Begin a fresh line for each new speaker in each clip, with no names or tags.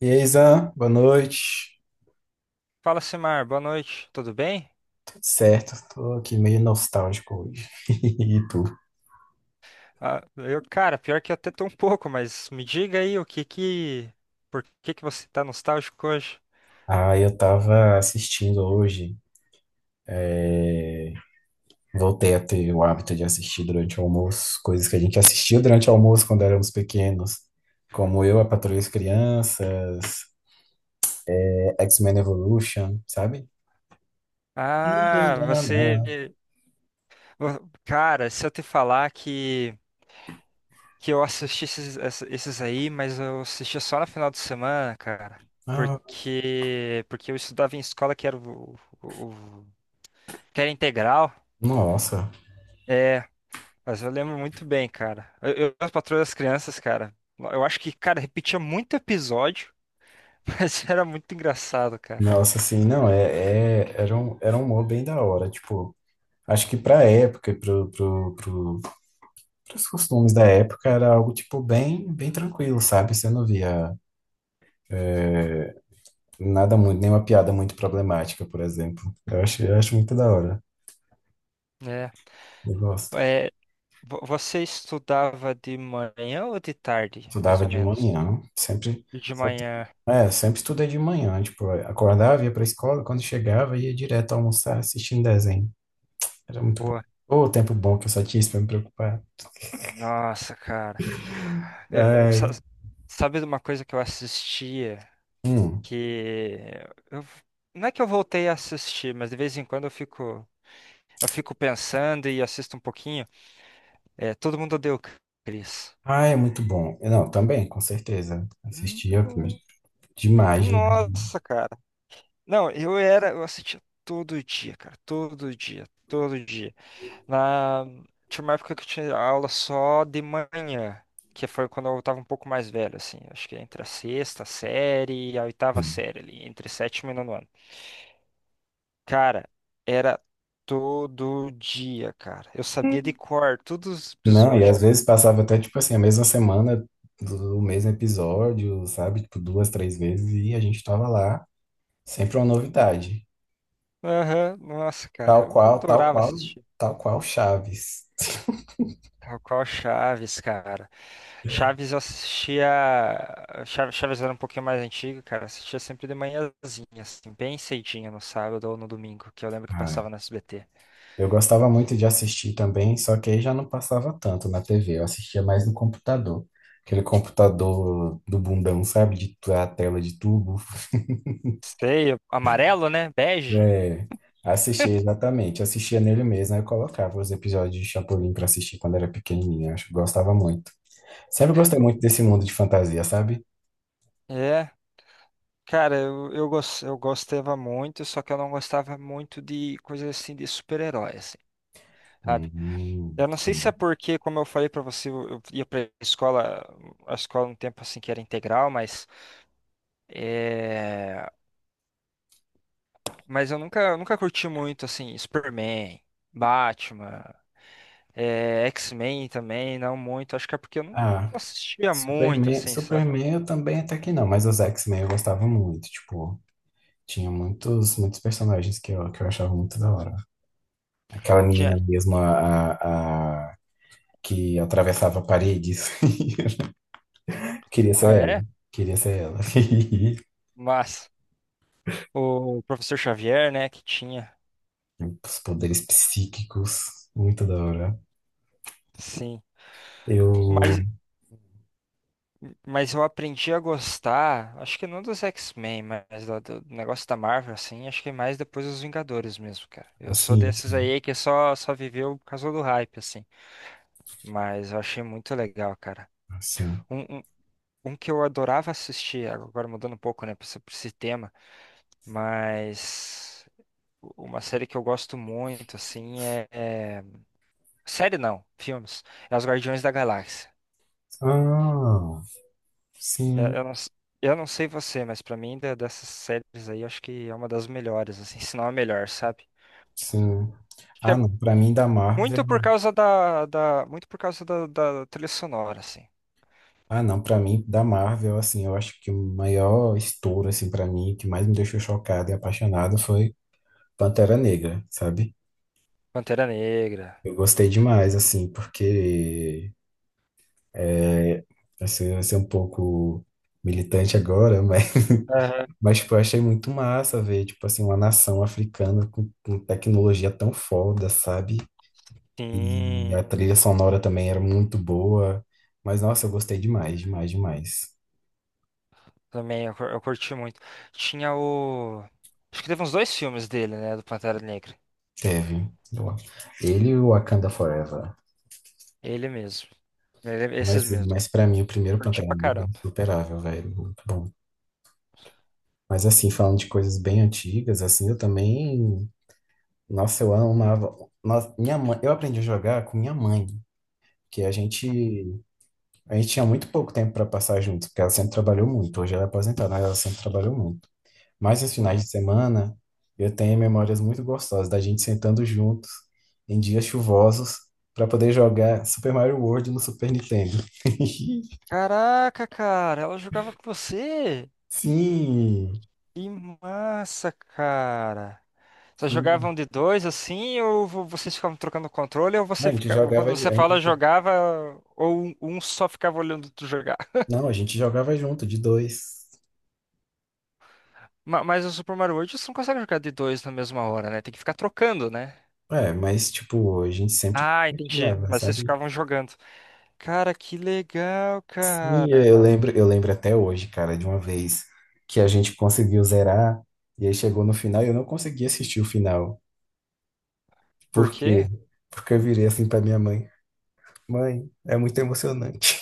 E aí, Zan, boa noite.
Fala, Simar, boa noite, tudo bem?
Tudo certo? Tô aqui meio nostálgico hoje. E tu?
Ah, eu, cara, pior que eu até tô um pouco, mas me diga aí por que que você tá nostálgico hoje?
Ah, eu tava assistindo hoje. é, Voltei a ter o hábito de assistir durante o almoço, coisas que a gente assistia durante o almoço quando éramos pequenos, como Eu, a Patrulha das Crianças, X-Men Evolution, sabe?
Ah, cara, se eu te falar que eu assisti esses aí, mas eu assistia só no final de semana, cara,
Ah,
porque eu estudava em escola que era o- que era integral.
nossa,
É, mas eu lembro muito bem, cara. Eu as Patroas das Crianças, cara. Eu acho que, cara, repetia muito episódio, mas era muito engraçado, cara.
nossa, assim, não, é, é- era um humor bem da hora, tipo, acho que pra época, os costumes da época era algo, tipo, bem tranquilo, sabe? Você não via é, nada muito, nenhuma piada muito problemática, por exemplo. Eu acho muito da hora.
É.
Eu gosto.
É, você estudava de manhã ou de tarde, mais
Estudava
ou
de
menos?
manhã, sempre,
De
só-
manhã.
sempre estudei de manhã, tipo, acordava, ia pra escola, quando chegava, ia direto almoçar, assistindo desenho. Era muito bom.
Boa.
Ô, tempo bom que eu só tinha isso pra me preocupar.
Nossa, cara. Eu- sa-
Ai,
sabe de uma coisa que eu assistia
hum.
que eu- não é que eu voltei a assistir, mas de vez em quando eu fico pensando e assisto um pouquinho. É, todo mundo odeia o Chris.
Ai, é muito bom. Não, também, com certeza. Assistia
No-
demais, demais.
Nossa, cara. Não, eu assistia todo dia, cara, todo dia, todo dia. Na, tinha uma época que eu tinha aula só de manhã, que foi quando eu tava um pouco mais velho, assim, acho que entre a sexta série e a oitava série ali, entre sétimo e nono ano. Cara, era todo dia, cara. Eu sabia de cor todos os
Não, e
episódios,
às
cara.
vezes passava até, tipo assim, a mesma semana do mesmo episódio, sabe? Tipo, duas, três vezes, e a gente tava lá, sempre uma novidade.
Aham, nossa, cara,
Tal
eu
qual, tal
adorava
qual,
assistir.
tal qual Chaves.
Qual qual Chaves, cara? Chaves eu assistia. Chaves era um pouquinho mais antigo, cara. Assistia sempre de manhãzinha, assim, bem cedinho no sábado ou no domingo, que eu lembro que
Ah,
passava no SBT.
eu gostava muito de assistir também, só que aí já não passava tanto na TV, eu assistia mais no computador. Aquele computador do bundão, sabe? De a tela de tubo.
Sei, o- amarelo, né? Bege.
É, assistia exatamente, assistia nele mesmo, aí eu colocava os episódios de Chapolin pra assistir quando era pequenininho, acho que gostava muito. Sempre gostei
Co-
muito desse mundo de fantasia, sabe?
É, cara, eu gostava muito, só que eu não gostava muito de coisas assim de super-herói, assim,
Hum,
sabe? Eu não sei se é
hum.
porque, como eu falei pra você, eu ia pra escola, a escola um tempo assim que era integral, mas. É. Mas eu nunca curti muito, assim, Superman, Batman, é X-Men também, não muito. Acho que é porque eu não
Ah,
assistia muito, assim, sabe?
Superman eu também até que não, mas os X-Men eu gostava muito, tipo, tinha muitos personagens que eu achava muito da hora. Aquela
Tinha...
menina mesmo, que atravessava paredes. Queria
Ah,
ser ela,
é?
queria ser ela.
Mas o Professor Xavier, né, que tinha,
Os poderes psíquicos, muito da hora.
sim.
Eu,
Mas, mas eu aprendi a gostar, acho que não dos X-Men, mas do negócio da Marvel, assim, acho que mais depois dos Vingadores mesmo, cara. Eu sou
assim,
desses
assim,
aí que só, só viveu por causa do hype, assim. Mas eu achei muito legal, cara.
assim.
um um- Um que eu adorava assistir, agora mudando um pouco, né, pra esse tema, mas uma série que eu gosto muito, assim, série não, filmes. É Os Guardiões da Galáxia.
Ah,
Eu,
sim.
eu não, s- eu não sei você, mas pra mim, dessas séries aí, eu acho que é uma das melhores, assim, se não a melhor, sabe?
Sim.
Acho que
Ah,
é
não, para mim da
muito por
Marvel,
causa muito por causa da trilha sonora, assim.
ah, não, para mim da Marvel, assim, eu acho que o maior estouro assim para mim, que mais me deixou chocado e apaixonado foi Pantera Negra, sabe?
Pantera Negra.
Eu gostei demais assim, porque é, vai ser um pouco militante agora, mas
Aham.
mas tipo, eu achei muito massa ver, tipo assim, uma nação africana com tecnologia tão foda, sabe? E
Sim.
a trilha sonora também era muito boa. Mas, nossa, eu gostei demais, demais, demais.
Também, eu curti muito. Tinha o. Acho que teve uns dois filmes dele, né? Do Pantera Negra.
Teve. Eu- Ele e o Wakanda Forever.
Ele mesmo.
Mas,
Esses mesmo.
mas para mim, o primeiro
Curti
Pantera
pra
Negra é
caramba.
insuperável, velho. Muito bom. Mas, assim, falando de coisas bem antigas, assim, eu também... Nossa, eu amava... Nossa, minha mãe... Eu aprendi a jogar com minha mãe. Que a
Uhum,
gente... A gente tinha muito pouco tempo para passar juntos, porque ela sempre trabalhou muito. Hoje ela é aposentada, mas ela sempre trabalhou muito. Mas nos finais
uhum.
de semana, eu tenho memórias muito gostosas da gente sentando juntos em dias chuvosos para poder jogar Super Mario World no Super Nintendo.
Caraca, cara, ela jogava com você?
Sim,
Que massa, cara. Vocês
sim.
jogavam de dois assim, ou vocês ficavam trocando controle, ou
A
você
gente
ficava. Quando
jogava, de-
você
a
fala
gente,
jogava, ou um só ficava olhando tu jogar.
não, a gente jogava junto, de dois.
Mas o Super Mario World você não consegue jogar de dois na mesma hora, né? Tem que ficar trocando, né?
É, mas tipo, a gente sempre
Ah, entendi.
compartilhava,
Mas vocês
sabe?
ficavam jogando. Cara, que legal,
Sim,
cara.
eu lembro até hoje, cara, de uma vez que a gente conseguiu zerar e aí chegou no final e eu não consegui assistir o final.
Por
Por
quê?
quê? Porque eu virei assim pra minha mãe. Mãe, é muito emocionante.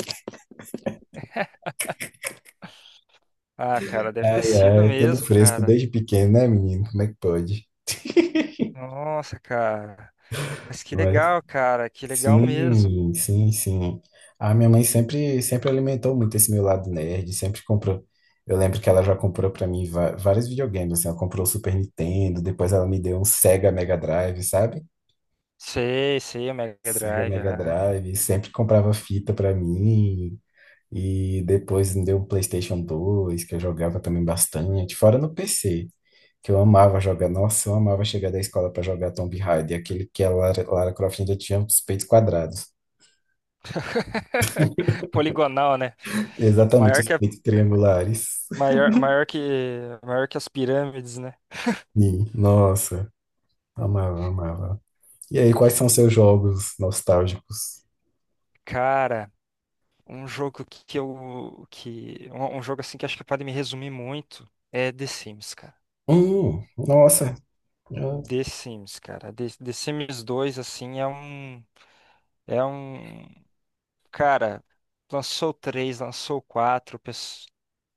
Ah, cara, deve ter
Ai,
sido
ai, todo
mesmo,
fresco
cara.
desde pequeno, né, menino? Como é que pode?
Nossa, cara. Mas que
Mas,
legal, cara. Que legal mesmo.
sim. A minha mãe sempre alimentou muito esse meu lado nerd, sempre comprou. Eu lembro que ela já comprou pra mim vários videogames, assim, ela comprou o Super Nintendo, depois ela me deu um Sega Mega Drive, sabe?
Sei, sei, o Mega
Sega
Drive.
Mega
Aham.
Drive, sempre comprava fita pra mim. E depois me deu um PlayStation 2, que eu jogava também bastante, fora no PC, que eu amava jogar. Nossa, eu amava chegar da escola para jogar Tomb Raider, aquele que a Lara Croft ainda tinha os peitos quadrados.
Poligonal, né?
Exatamente,
Maior
os
que a,
peitos triangulares.
maior, maior que as pirâmides, né?
E, nossa, amava, amava. E aí, quais são seus jogos nostálgicos?
Cara, um jogo que um jogo assim que acho que pode me resumir muito é The Sims, cara.
Nossa, ah,
The Sims, cara. The Sims dois, assim, é um. É um. Cara, lançou o 3, lançou o 4.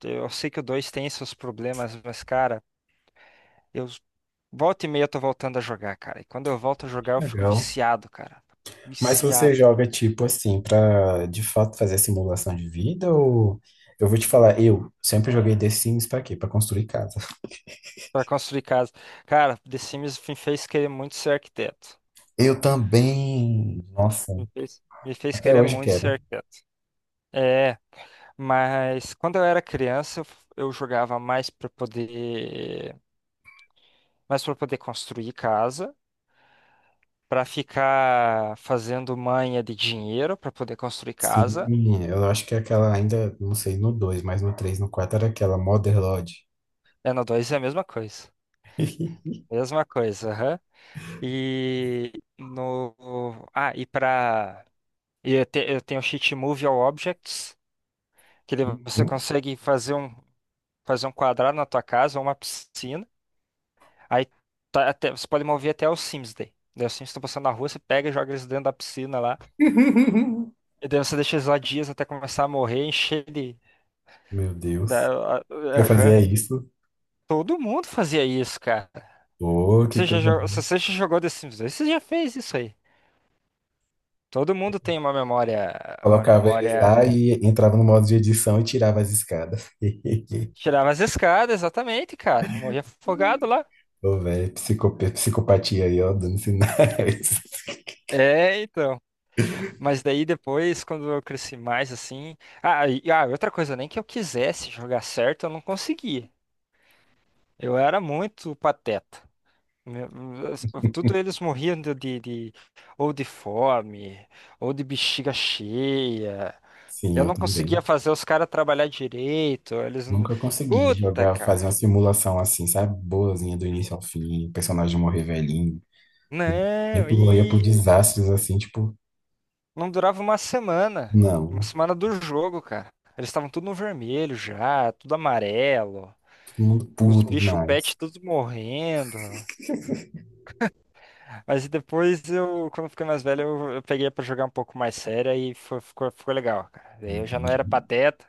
Eu sei que o 2 tem seus problemas, mas, cara, eu. Volta e meia eu tô voltando a jogar, cara. E quando eu volto a
que
jogar, eu fico
legal.
viciado, cara.
Mas se você
Viciado.
joga tipo assim pra de fato fazer simulação de vida ou eu vou te falar, eu sempre joguei The Sims pra quê? Pra construir casa.
Pra construir casa. Cara, The Sims me fez querer muito ser arquiteto.
Eu também.
Me,
Nossa,
me fez
até
querer
hoje
muito ser
quero.
arquiteto. É. Mas quando eu era criança, eu jogava mais para poder construir casa, para ficar fazendo manha de dinheiro para poder construir
Sim,
casa.
eu acho que aquela ainda, não sei, no 2 mas no 3 no 4 era aquela Mother Lodge.
É, no dois é a mesma coisa. Mesma coisa, aham. E no ah, e para eu, te, eu tenho o cheat Move All Objects, que você
Uhum.
consegue fazer um quadrado na tua casa, ou uma piscina. Aí você pode mover até os Sims daí. Daí os Sims estão passando na rua, você pega e joga eles dentro da piscina lá. E daí você deixa eles lá dias até começar a morrer, encher de.
Meu Deus. Eu
Aham.
fazia isso?
Todo mundo fazia isso, cara.
Pô, que
Você já,
coisa.
se você já jogou The Sims 2, você já fez isso aí. Todo mundo tem uma memória. Uma
Colocava eles
memória.
lá e entrava no modo de edição e tirava as escadas.
Tirava as escadas, exatamente, cara. Morria afogado lá.
Ô, velho, psicopatia aí, ó, dando sinais.
É, então. Mas daí depois, quando eu cresci mais assim. Ah, e, ah, outra coisa, nem que eu quisesse jogar certo, eu não conseguia. Eu era muito pateta. Meu- tudo eles morriam ou de fome, ou de bexiga cheia.
Sim,
Eu
eu
não conseguia
também.
fazer os caras trabalhar direito. Eles.
Nunca consegui
Puta,
jogar, fazer
cara.
uma simulação assim, sabe? Boazinha do início ao fim, personagem morrer velhinho.
Não,
Sempre morria por
e
desastres assim, tipo,
não durava uma semana. Uma
não,
semana do jogo, cara. Eles estavam tudo no vermelho já, tudo amarelo.
todo mundo
Os
puta
bichos
demais.
pet tudo morrendo. Mas depois eu, quando eu fiquei mais velho, eu peguei pra jogar um pouco mais sério e ficou, ficou legal, cara.
Eu
Daí eu já não era
entendi,
pateta,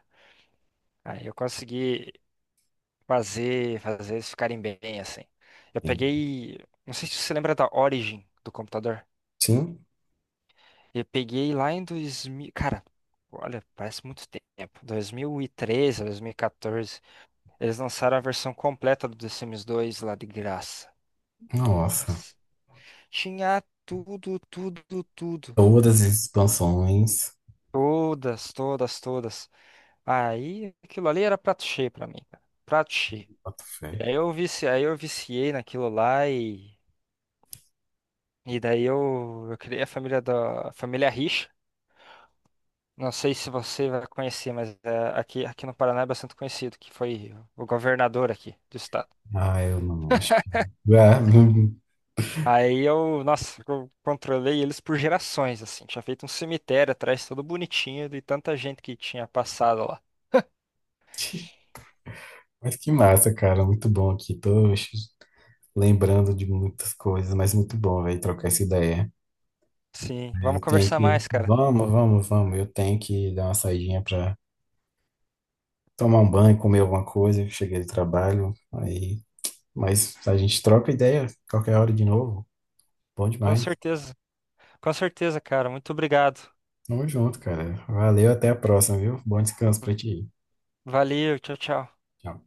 aí eu consegui fazer, fazer eles ficarem bem, assim. Eu
entendi.
peguei, não sei se você lembra da Origin do computador.
Sim,
Eu peguei lá em 2000, cara, olha, parece muito tempo. 2013, 2014, eles lançaram a versão completa do The Sims 2 lá de graça.
nossa.
Tinha tudo, tudo, tudo.
Todas as expansões.
Todas, todas, todas. Aí aquilo ali era prato cheio pra mim, cara. Prato cheio.
Bota fé.
E aí eu vici, aí eu viciei naquilo lá e daí eu criei a família da a família Rixa. Não sei se você vai conhecer, mas é, aqui aqui no Paraná é bastante conhecido, que foi o governador aqui do estado.
Ah, eu não acho. Ah,
Aí eu, nossa, eu controlei eles por gerações, assim. Tinha feito um cemitério atrás, todo bonitinho, de tanta gente que tinha passado lá.
mas que massa, cara. Muito bom aqui. Tô lembrando de muitas coisas, mas muito bom, velho, trocar essa ideia.
Sim, vamos
Eu tenho
conversar
que.
mais, cara.
Vamos. Eu tenho que dar uma saidinha pra tomar um banho, comer alguma coisa. Cheguei do trabalho, aí. Mas a gente troca ideia qualquer hora de novo. Bom
Com
demais.
certeza, com certeza, cara. Muito obrigado.
Tamo junto, cara. Valeu, até a próxima, viu? Bom descanso pra ti.
Valeu, tchau, tchau.
Tchau.